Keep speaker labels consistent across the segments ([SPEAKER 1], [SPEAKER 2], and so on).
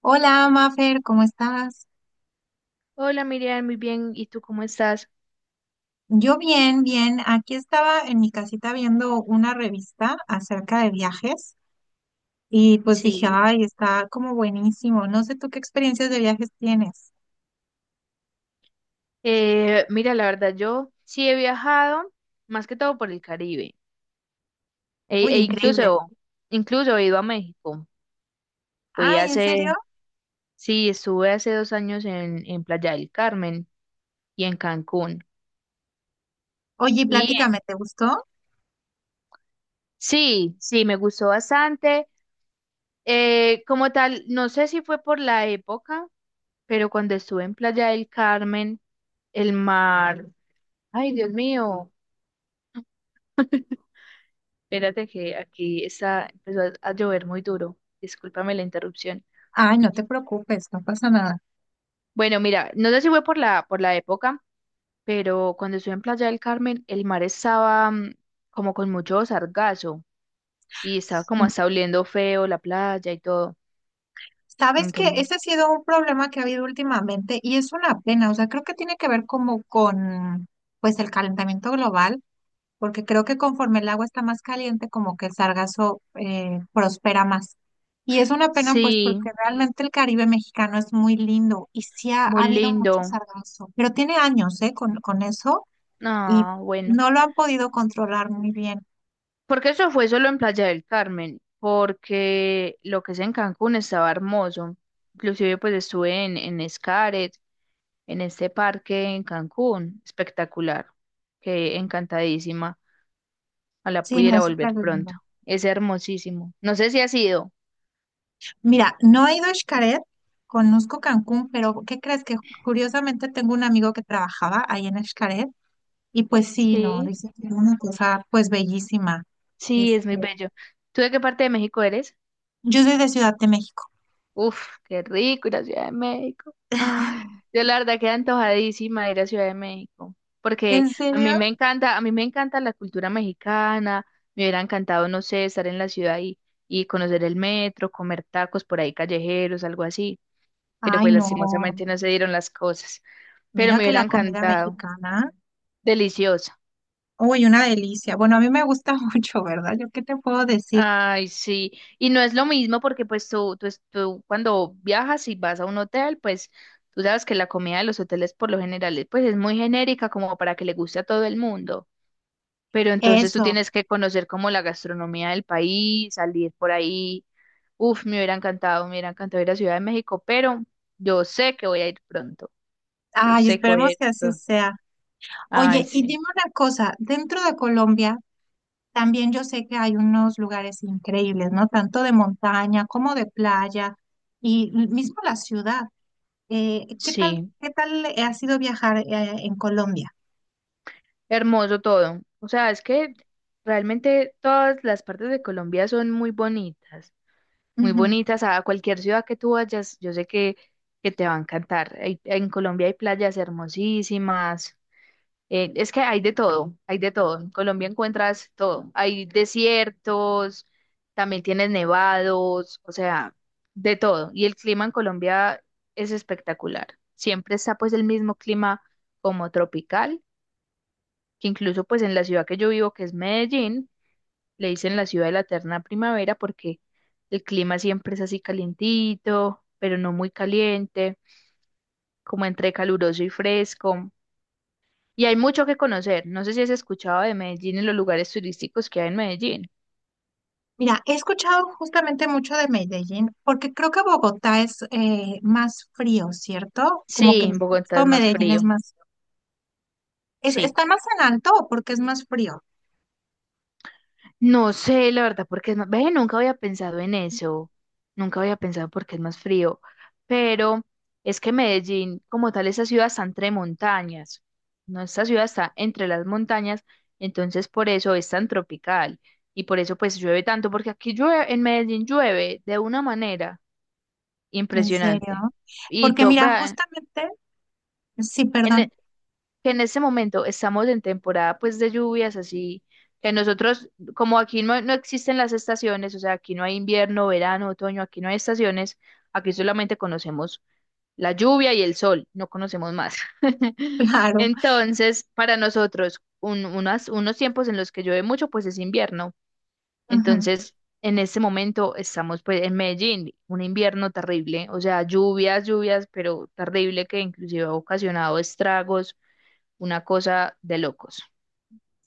[SPEAKER 1] Hola, Mafer, ¿cómo estás?
[SPEAKER 2] Hola Miriam, muy bien. ¿Y tú cómo estás?
[SPEAKER 1] Yo bien, bien. Aquí estaba en mi casita viendo una revista acerca de viajes y pues dije,
[SPEAKER 2] Sí.
[SPEAKER 1] ay, está como buenísimo. No sé tú qué experiencias de viajes tienes.
[SPEAKER 2] Mira, la verdad, yo sí he viajado, más que todo por el Caribe. E,
[SPEAKER 1] Uy,
[SPEAKER 2] e incluso,
[SPEAKER 1] increíble.
[SPEAKER 2] incluso he ido a México. Fui
[SPEAKER 1] Ay, ¿en
[SPEAKER 2] hace,
[SPEAKER 1] serio?
[SPEAKER 2] sí, estuve hace 2 años en Playa del Carmen y en Cancún.
[SPEAKER 1] Oye,
[SPEAKER 2] Y
[SPEAKER 1] platícame, ¿te gustó?
[SPEAKER 2] sí, sí, me gustó bastante. Como tal, no sé si fue por la época, pero cuando estuve en Playa del Carmen, el mar, ay Dios mío. Espérate que aquí está, empezó a llover muy duro. Discúlpame la interrupción.
[SPEAKER 1] Ay, no te preocupes, no pasa nada.
[SPEAKER 2] Bueno, mira, no sé si fue por la, época, pero cuando estuve en Playa del Carmen, el mar estaba como con mucho sargazo y estaba como
[SPEAKER 1] Mm.
[SPEAKER 2] hasta oliendo feo la playa y todo.
[SPEAKER 1] Sabes que
[SPEAKER 2] Entonces,
[SPEAKER 1] ese ha sido un problema que ha habido últimamente y es una pena, o sea, creo que tiene que ver como con pues el calentamiento global porque creo que conforme el agua está más caliente, como que el sargazo prospera más. Y es una pena, pues,
[SPEAKER 2] sí,
[SPEAKER 1] porque realmente el Caribe mexicano es muy lindo y sí ha,
[SPEAKER 2] muy
[SPEAKER 1] ha habido mucho
[SPEAKER 2] lindo.
[SPEAKER 1] sargazo, pero tiene años, ¿eh? Con eso y
[SPEAKER 2] No, bueno.
[SPEAKER 1] no lo han podido controlar muy bien.
[SPEAKER 2] Porque eso fue solo en Playa del Carmen, porque lo que es en Cancún estaba hermoso. Inclusive pues estuve en Xcaret, en este parque en Cancún. Espectacular. Que encantadísima. Ojalá
[SPEAKER 1] Sí, no
[SPEAKER 2] pudiera
[SPEAKER 1] es súper
[SPEAKER 2] volver
[SPEAKER 1] lindo.
[SPEAKER 2] pronto. Es hermosísimo. No sé si has ido.
[SPEAKER 1] Mira, no he ido a Xcaret, conozco Cancún, pero ¿qué crees? Que curiosamente tengo un amigo que trabajaba ahí en Xcaret y pues sí, no,
[SPEAKER 2] Sí,
[SPEAKER 1] dice que es una cosa pues bellísima.
[SPEAKER 2] sí, es muy
[SPEAKER 1] Este,
[SPEAKER 2] bello. ¿Tú de qué parte de México eres?
[SPEAKER 1] yo soy de Ciudad de México.
[SPEAKER 2] Uf, qué rico ir a Ciudad de México. Ay, yo la verdad quedé antojadísima de ir a Ciudad de México, porque
[SPEAKER 1] ¿En
[SPEAKER 2] a
[SPEAKER 1] serio?
[SPEAKER 2] mí me encanta, a mí me encanta la cultura mexicana. Me hubiera encantado, no sé, estar en la ciudad y conocer el metro, comer tacos por ahí callejeros, algo así. Pero
[SPEAKER 1] Ay,
[SPEAKER 2] pues
[SPEAKER 1] no.
[SPEAKER 2] lastimosamente no se dieron las cosas, pero
[SPEAKER 1] Mira
[SPEAKER 2] me
[SPEAKER 1] que
[SPEAKER 2] hubiera
[SPEAKER 1] la comida
[SPEAKER 2] encantado,
[SPEAKER 1] mexicana.
[SPEAKER 2] deliciosa.
[SPEAKER 1] Uy, una delicia. Bueno, a mí me gusta mucho, ¿verdad? ¿Yo qué te puedo decir?
[SPEAKER 2] Ay, sí, y no es lo mismo porque pues tú cuando viajas y vas a un hotel, pues tú sabes que la comida de los hoteles por lo general es muy genérica como para que le guste a todo el mundo, pero entonces tú
[SPEAKER 1] Eso.
[SPEAKER 2] tienes que conocer como la gastronomía del país, salir por ahí. Uf, me hubiera encantado ir a Ciudad de México, pero yo sé que voy a ir pronto, yo
[SPEAKER 1] Ay,
[SPEAKER 2] sé que voy a
[SPEAKER 1] esperemos
[SPEAKER 2] ir
[SPEAKER 1] que así
[SPEAKER 2] pronto.
[SPEAKER 1] sea.
[SPEAKER 2] Ay,
[SPEAKER 1] Oye, y
[SPEAKER 2] sí,
[SPEAKER 1] dime una cosa. Dentro de Colombia, también yo sé que hay unos lugares increíbles, ¿no? Tanto de montaña como de playa y mismo la ciudad.
[SPEAKER 2] sí.
[SPEAKER 1] Qué tal ha sido viajar, en Colombia?
[SPEAKER 2] Hermoso todo. O sea, es que realmente todas las partes de Colombia son muy bonitas, muy bonitas. A cualquier ciudad que tú vayas, yo sé que te va a encantar. En Colombia hay playas hermosísimas. Es que hay de todo, hay de todo. En Colombia encuentras todo. Hay desiertos, también tienes nevados, o sea, de todo. Y el clima en Colombia es espectacular. Siempre está pues el mismo clima como tropical, que incluso pues en la ciudad que yo vivo, que es Medellín, le dicen la ciudad de la eterna primavera porque el clima siempre es así calientito, pero no muy caliente, como entre caluroso y fresco. Y hay mucho que conocer. No sé si has escuchado de Medellín y los lugares turísticos que hay en Medellín.
[SPEAKER 1] Mira, he escuchado justamente mucho de Medellín, porque creo que Bogotá es más frío, ¿cierto? Como
[SPEAKER 2] Sí,
[SPEAKER 1] que
[SPEAKER 2] en Bogotá es
[SPEAKER 1] todo
[SPEAKER 2] más
[SPEAKER 1] Medellín es
[SPEAKER 2] frío.
[SPEAKER 1] más, es,
[SPEAKER 2] Sí.
[SPEAKER 1] ¿está más en alto o porque es más frío?
[SPEAKER 2] No sé, la verdad, porque es más. Ve, nunca había pensado en eso. Nunca había pensado porque es más frío. Pero es que Medellín, como tal, esa ciudad está entre montañas. No, esta ciudad está entre las montañas, entonces por eso es tan tropical. Y por eso pues llueve tanto, porque aquí llueve, en Medellín llueve de una manera
[SPEAKER 1] En serio.
[SPEAKER 2] impresionante. Y
[SPEAKER 1] Porque
[SPEAKER 2] todo,
[SPEAKER 1] mira,
[SPEAKER 2] en,
[SPEAKER 1] justamente, sí,
[SPEAKER 2] e,
[SPEAKER 1] perdón,
[SPEAKER 2] que en este momento estamos en temporada pues de lluvias, así que nosotros, como aquí no, no existen las estaciones, o sea, aquí no hay invierno, verano, otoño, aquí no hay estaciones, aquí solamente conocemos la lluvia y el sol, no conocemos más.
[SPEAKER 1] claro.
[SPEAKER 2] Entonces, para nosotros, unos tiempos en los que llueve mucho, pues es invierno.
[SPEAKER 1] Ujú.
[SPEAKER 2] Entonces, en este momento estamos pues en Medellín, un invierno terrible, o sea, lluvias, lluvias, pero terrible que inclusive ha ocasionado estragos, una cosa de locos.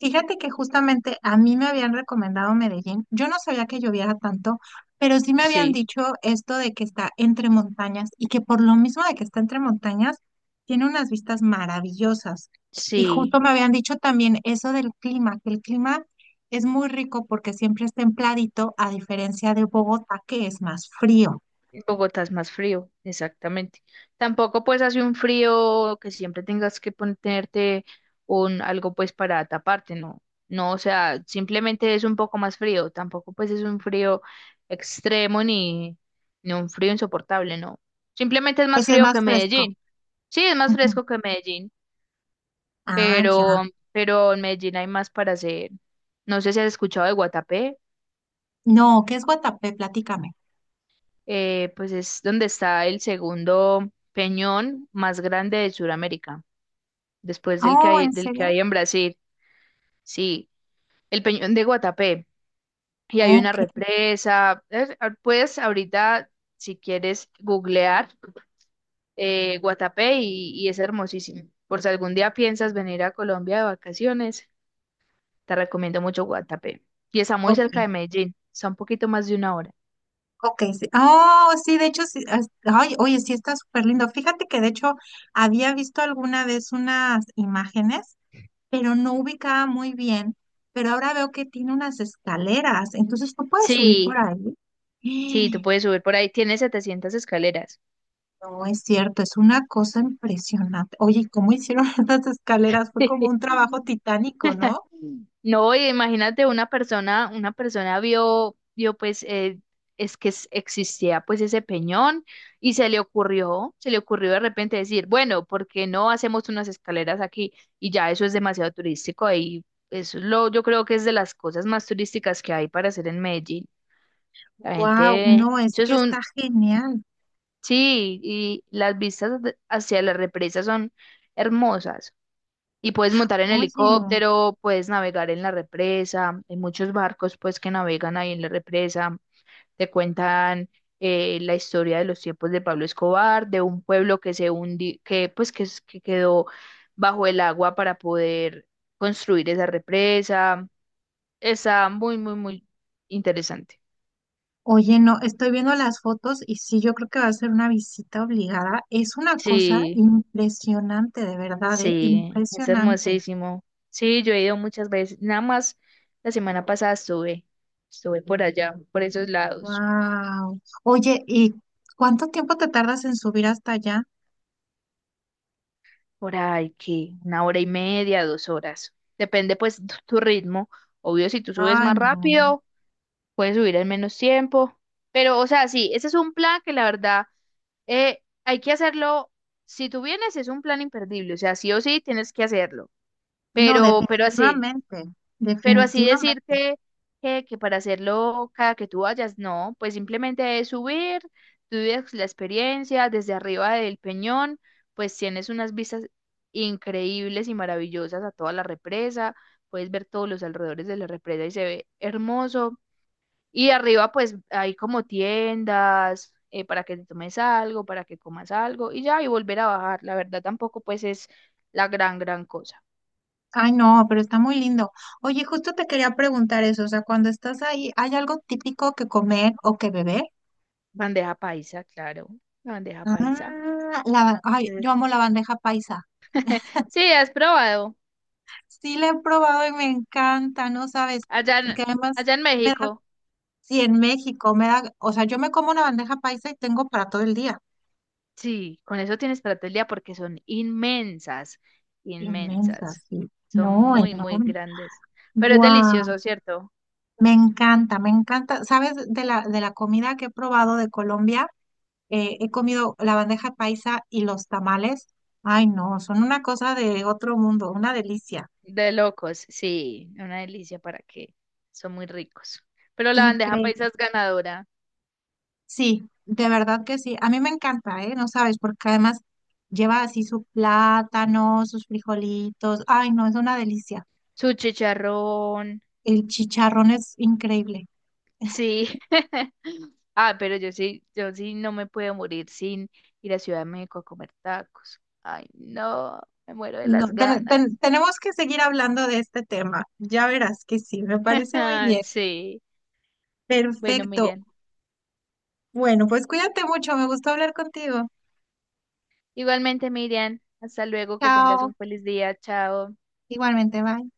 [SPEAKER 1] Fíjate que justamente a mí me habían recomendado Medellín. Yo no sabía que lloviera tanto, pero sí me habían
[SPEAKER 2] Sí,
[SPEAKER 1] dicho esto de que está entre montañas y que por lo mismo de que está entre montañas, tiene unas vistas maravillosas. Y
[SPEAKER 2] sí.
[SPEAKER 1] justo me habían dicho también eso del clima, que el clima es muy rico porque siempre es templadito, a diferencia de Bogotá, que es más frío.
[SPEAKER 2] En Bogotá es más frío, exactamente. Tampoco pues hace un frío que siempre tengas que ponerte un algo pues para taparte, no. No, o sea, simplemente es un poco más frío. Tampoco pues es un frío extremo ni un frío insoportable, no. Simplemente es
[SPEAKER 1] Pues
[SPEAKER 2] más
[SPEAKER 1] sí es
[SPEAKER 2] frío
[SPEAKER 1] más
[SPEAKER 2] que
[SPEAKER 1] fresco.
[SPEAKER 2] Medellín. Sí, es más
[SPEAKER 1] Ujú.
[SPEAKER 2] fresco que Medellín,
[SPEAKER 1] Ah, ya.
[SPEAKER 2] pero, pero en Medellín hay más para hacer. No sé si has escuchado de Guatapé.
[SPEAKER 1] No, ¿qué es Guatapé? Platícame.
[SPEAKER 2] Pues es donde está el segundo peñón más grande de Sudamérica, después del que
[SPEAKER 1] Oh,
[SPEAKER 2] hay,
[SPEAKER 1] ¿en
[SPEAKER 2] del que
[SPEAKER 1] serio?
[SPEAKER 2] hay en Brasil. Sí, el peñón de Guatapé. Y hay una
[SPEAKER 1] Ok,
[SPEAKER 2] represa. Puedes ahorita, si quieres, googlear Guatapé, y es hermosísimo. Por si algún día piensas venir a Colombia de vacaciones, te recomiendo mucho Guatapé. Y está muy cerca de
[SPEAKER 1] ok.
[SPEAKER 2] Medellín, está un poquito más de una hora.
[SPEAKER 1] Ok, sí. Oh, sí, de hecho, sí. Ay, oye, sí, está súper lindo. Fíjate que de hecho había visto alguna vez unas imágenes, pero no ubicaba muy bien. Pero ahora veo que tiene unas escaleras, entonces tú puedes subir por
[SPEAKER 2] Sí,
[SPEAKER 1] ahí.
[SPEAKER 2] sí, tú
[SPEAKER 1] ¡Eh!
[SPEAKER 2] puedes subir por ahí. Tiene 700 escaleras.
[SPEAKER 1] No es cierto, es una cosa impresionante. Oye, ¿y ¿cómo hicieron estas escaleras? Fue como un trabajo titánico, ¿no?
[SPEAKER 2] No, y imagínate una persona vio pues, es que existía pues ese peñón y se le ocurrió de repente decir, bueno, ¿por qué no hacemos unas escaleras aquí? Y ya eso es demasiado turístico, y yo creo que es de las cosas más turísticas que hay para hacer en Medellín. La
[SPEAKER 1] Wow,
[SPEAKER 2] gente,
[SPEAKER 1] no, es que está genial.
[SPEAKER 2] sí, y las vistas hacia las represas son hermosas. Y puedes montar en
[SPEAKER 1] Oye.
[SPEAKER 2] helicóptero, puedes navegar en la represa, hay muchos barcos pues que navegan ahí en la represa, te cuentan la historia de los tiempos de Pablo Escobar, de un pueblo que se hundi, que pues que, es- que quedó bajo el agua para poder construir esa represa. Está muy, muy, muy interesante.
[SPEAKER 1] Oye, no, estoy viendo las fotos y sí, yo creo que va a ser una visita obligada. Es una cosa
[SPEAKER 2] Sí,
[SPEAKER 1] impresionante, de verdad, ¿eh?
[SPEAKER 2] sí, es
[SPEAKER 1] Impresionante.
[SPEAKER 2] hermosísimo. Sí, yo he ido muchas veces, nada más la semana pasada estuve por allá, por esos lados.
[SPEAKER 1] Wow. Oye, ¿y cuánto tiempo te tardas en subir hasta allá?
[SPEAKER 2] Por ahí que una hora y media, 2 horas. Depende pues tu ritmo. Obvio, si tú subes
[SPEAKER 1] Ay,
[SPEAKER 2] más
[SPEAKER 1] no.
[SPEAKER 2] rápido, puedes subir en menos tiempo. Pero, o sea, sí, ese es un plan que la verdad hay que hacerlo. Si tú vienes, es un plan imperdible. O sea, sí o sí tienes que hacerlo.
[SPEAKER 1] No,
[SPEAKER 2] Pero así.
[SPEAKER 1] definitivamente,
[SPEAKER 2] Pero así decir
[SPEAKER 1] definitivamente.
[SPEAKER 2] que, para hacerlo cada que tú vayas, no, pues simplemente es subir, tú vives la experiencia desde arriba del Peñón, pues tienes unas vistas increíbles y maravillosas a toda la represa, puedes ver todos los alrededores de la represa y se ve hermoso. Y arriba pues hay como tiendas para que te tomes algo, para que comas algo y ya, y volver a bajar. La verdad tampoco pues es la gran, gran cosa.
[SPEAKER 1] Ay, no, pero está muy lindo. Oye, justo te quería preguntar eso, o sea, cuando estás ahí, ¿hay algo típico que comer o que beber?
[SPEAKER 2] Bandeja paisa, claro, la bandeja paisa.
[SPEAKER 1] Ah, la, ay,
[SPEAKER 2] Sí,
[SPEAKER 1] yo amo la bandeja paisa.
[SPEAKER 2] sí, has probado.
[SPEAKER 1] Sí, la he probado y me encanta, ¿no sabes?
[SPEAKER 2] Allá
[SPEAKER 1] Porque
[SPEAKER 2] en,
[SPEAKER 1] además
[SPEAKER 2] allá en
[SPEAKER 1] me da,
[SPEAKER 2] México.
[SPEAKER 1] sí, en México me da, o sea, yo me como una bandeja paisa y tengo para todo el día.
[SPEAKER 2] Sí, con eso tienes para todo el día porque son inmensas,
[SPEAKER 1] Inmensa,
[SPEAKER 2] inmensas.
[SPEAKER 1] sí.
[SPEAKER 2] Son
[SPEAKER 1] No,
[SPEAKER 2] muy, muy
[SPEAKER 1] enorme.
[SPEAKER 2] grandes. Pero es
[SPEAKER 1] Guau.
[SPEAKER 2] delicioso, ¿cierto?
[SPEAKER 1] Me encanta, me encanta. ¿Sabes? De la comida que he probado de Colombia, he comido la bandeja paisa y los tamales. Ay, no, son una cosa de otro mundo, una delicia.
[SPEAKER 2] De locos, sí, una delicia, para que, son muy ricos. Pero la bandeja paisa
[SPEAKER 1] Increíble.
[SPEAKER 2] es ganadora.
[SPEAKER 1] Sí, de verdad que sí. A mí me encanta, ¿eh? No sabes, porque además lleva así su plátano, sus frijolitos. Ay, no, es una delicia.
[SPEAKER 2] Su chicharrón,
[SPEAKER 1] El chicharrón es increíble.
[SPEAKER 2] sí. Ah, pero yo sí no me puedo morir sin ir a Ciudad de México a comer tacos. Ay, no, me muero de
[SPEAKER 1] No,
[SPEAKER 2] las ganas.
[SPEAKER 1] tenemos que seguir hablando de este tema. Ya verás que sí, me parece muy
[SPEAKER 2] Ah,
[SPEAKER 1] bien.
[SPEAKER 2] sí. Bueno,
[SPEAKER 1] Perfecto.
[SPEAKER 2] Miriam.
[SPEAKER 1] Bueno, pues cuídate mucho. Me gustó hablar contigo.
[SPEAKER 2] Igualmente, Miriam. Hasta luego, que tengas
[SPEAKER 1] Chao.
[SPEAKER 2] un feliz día. Chao.
[SPEAKER 1] Igualmente, bye.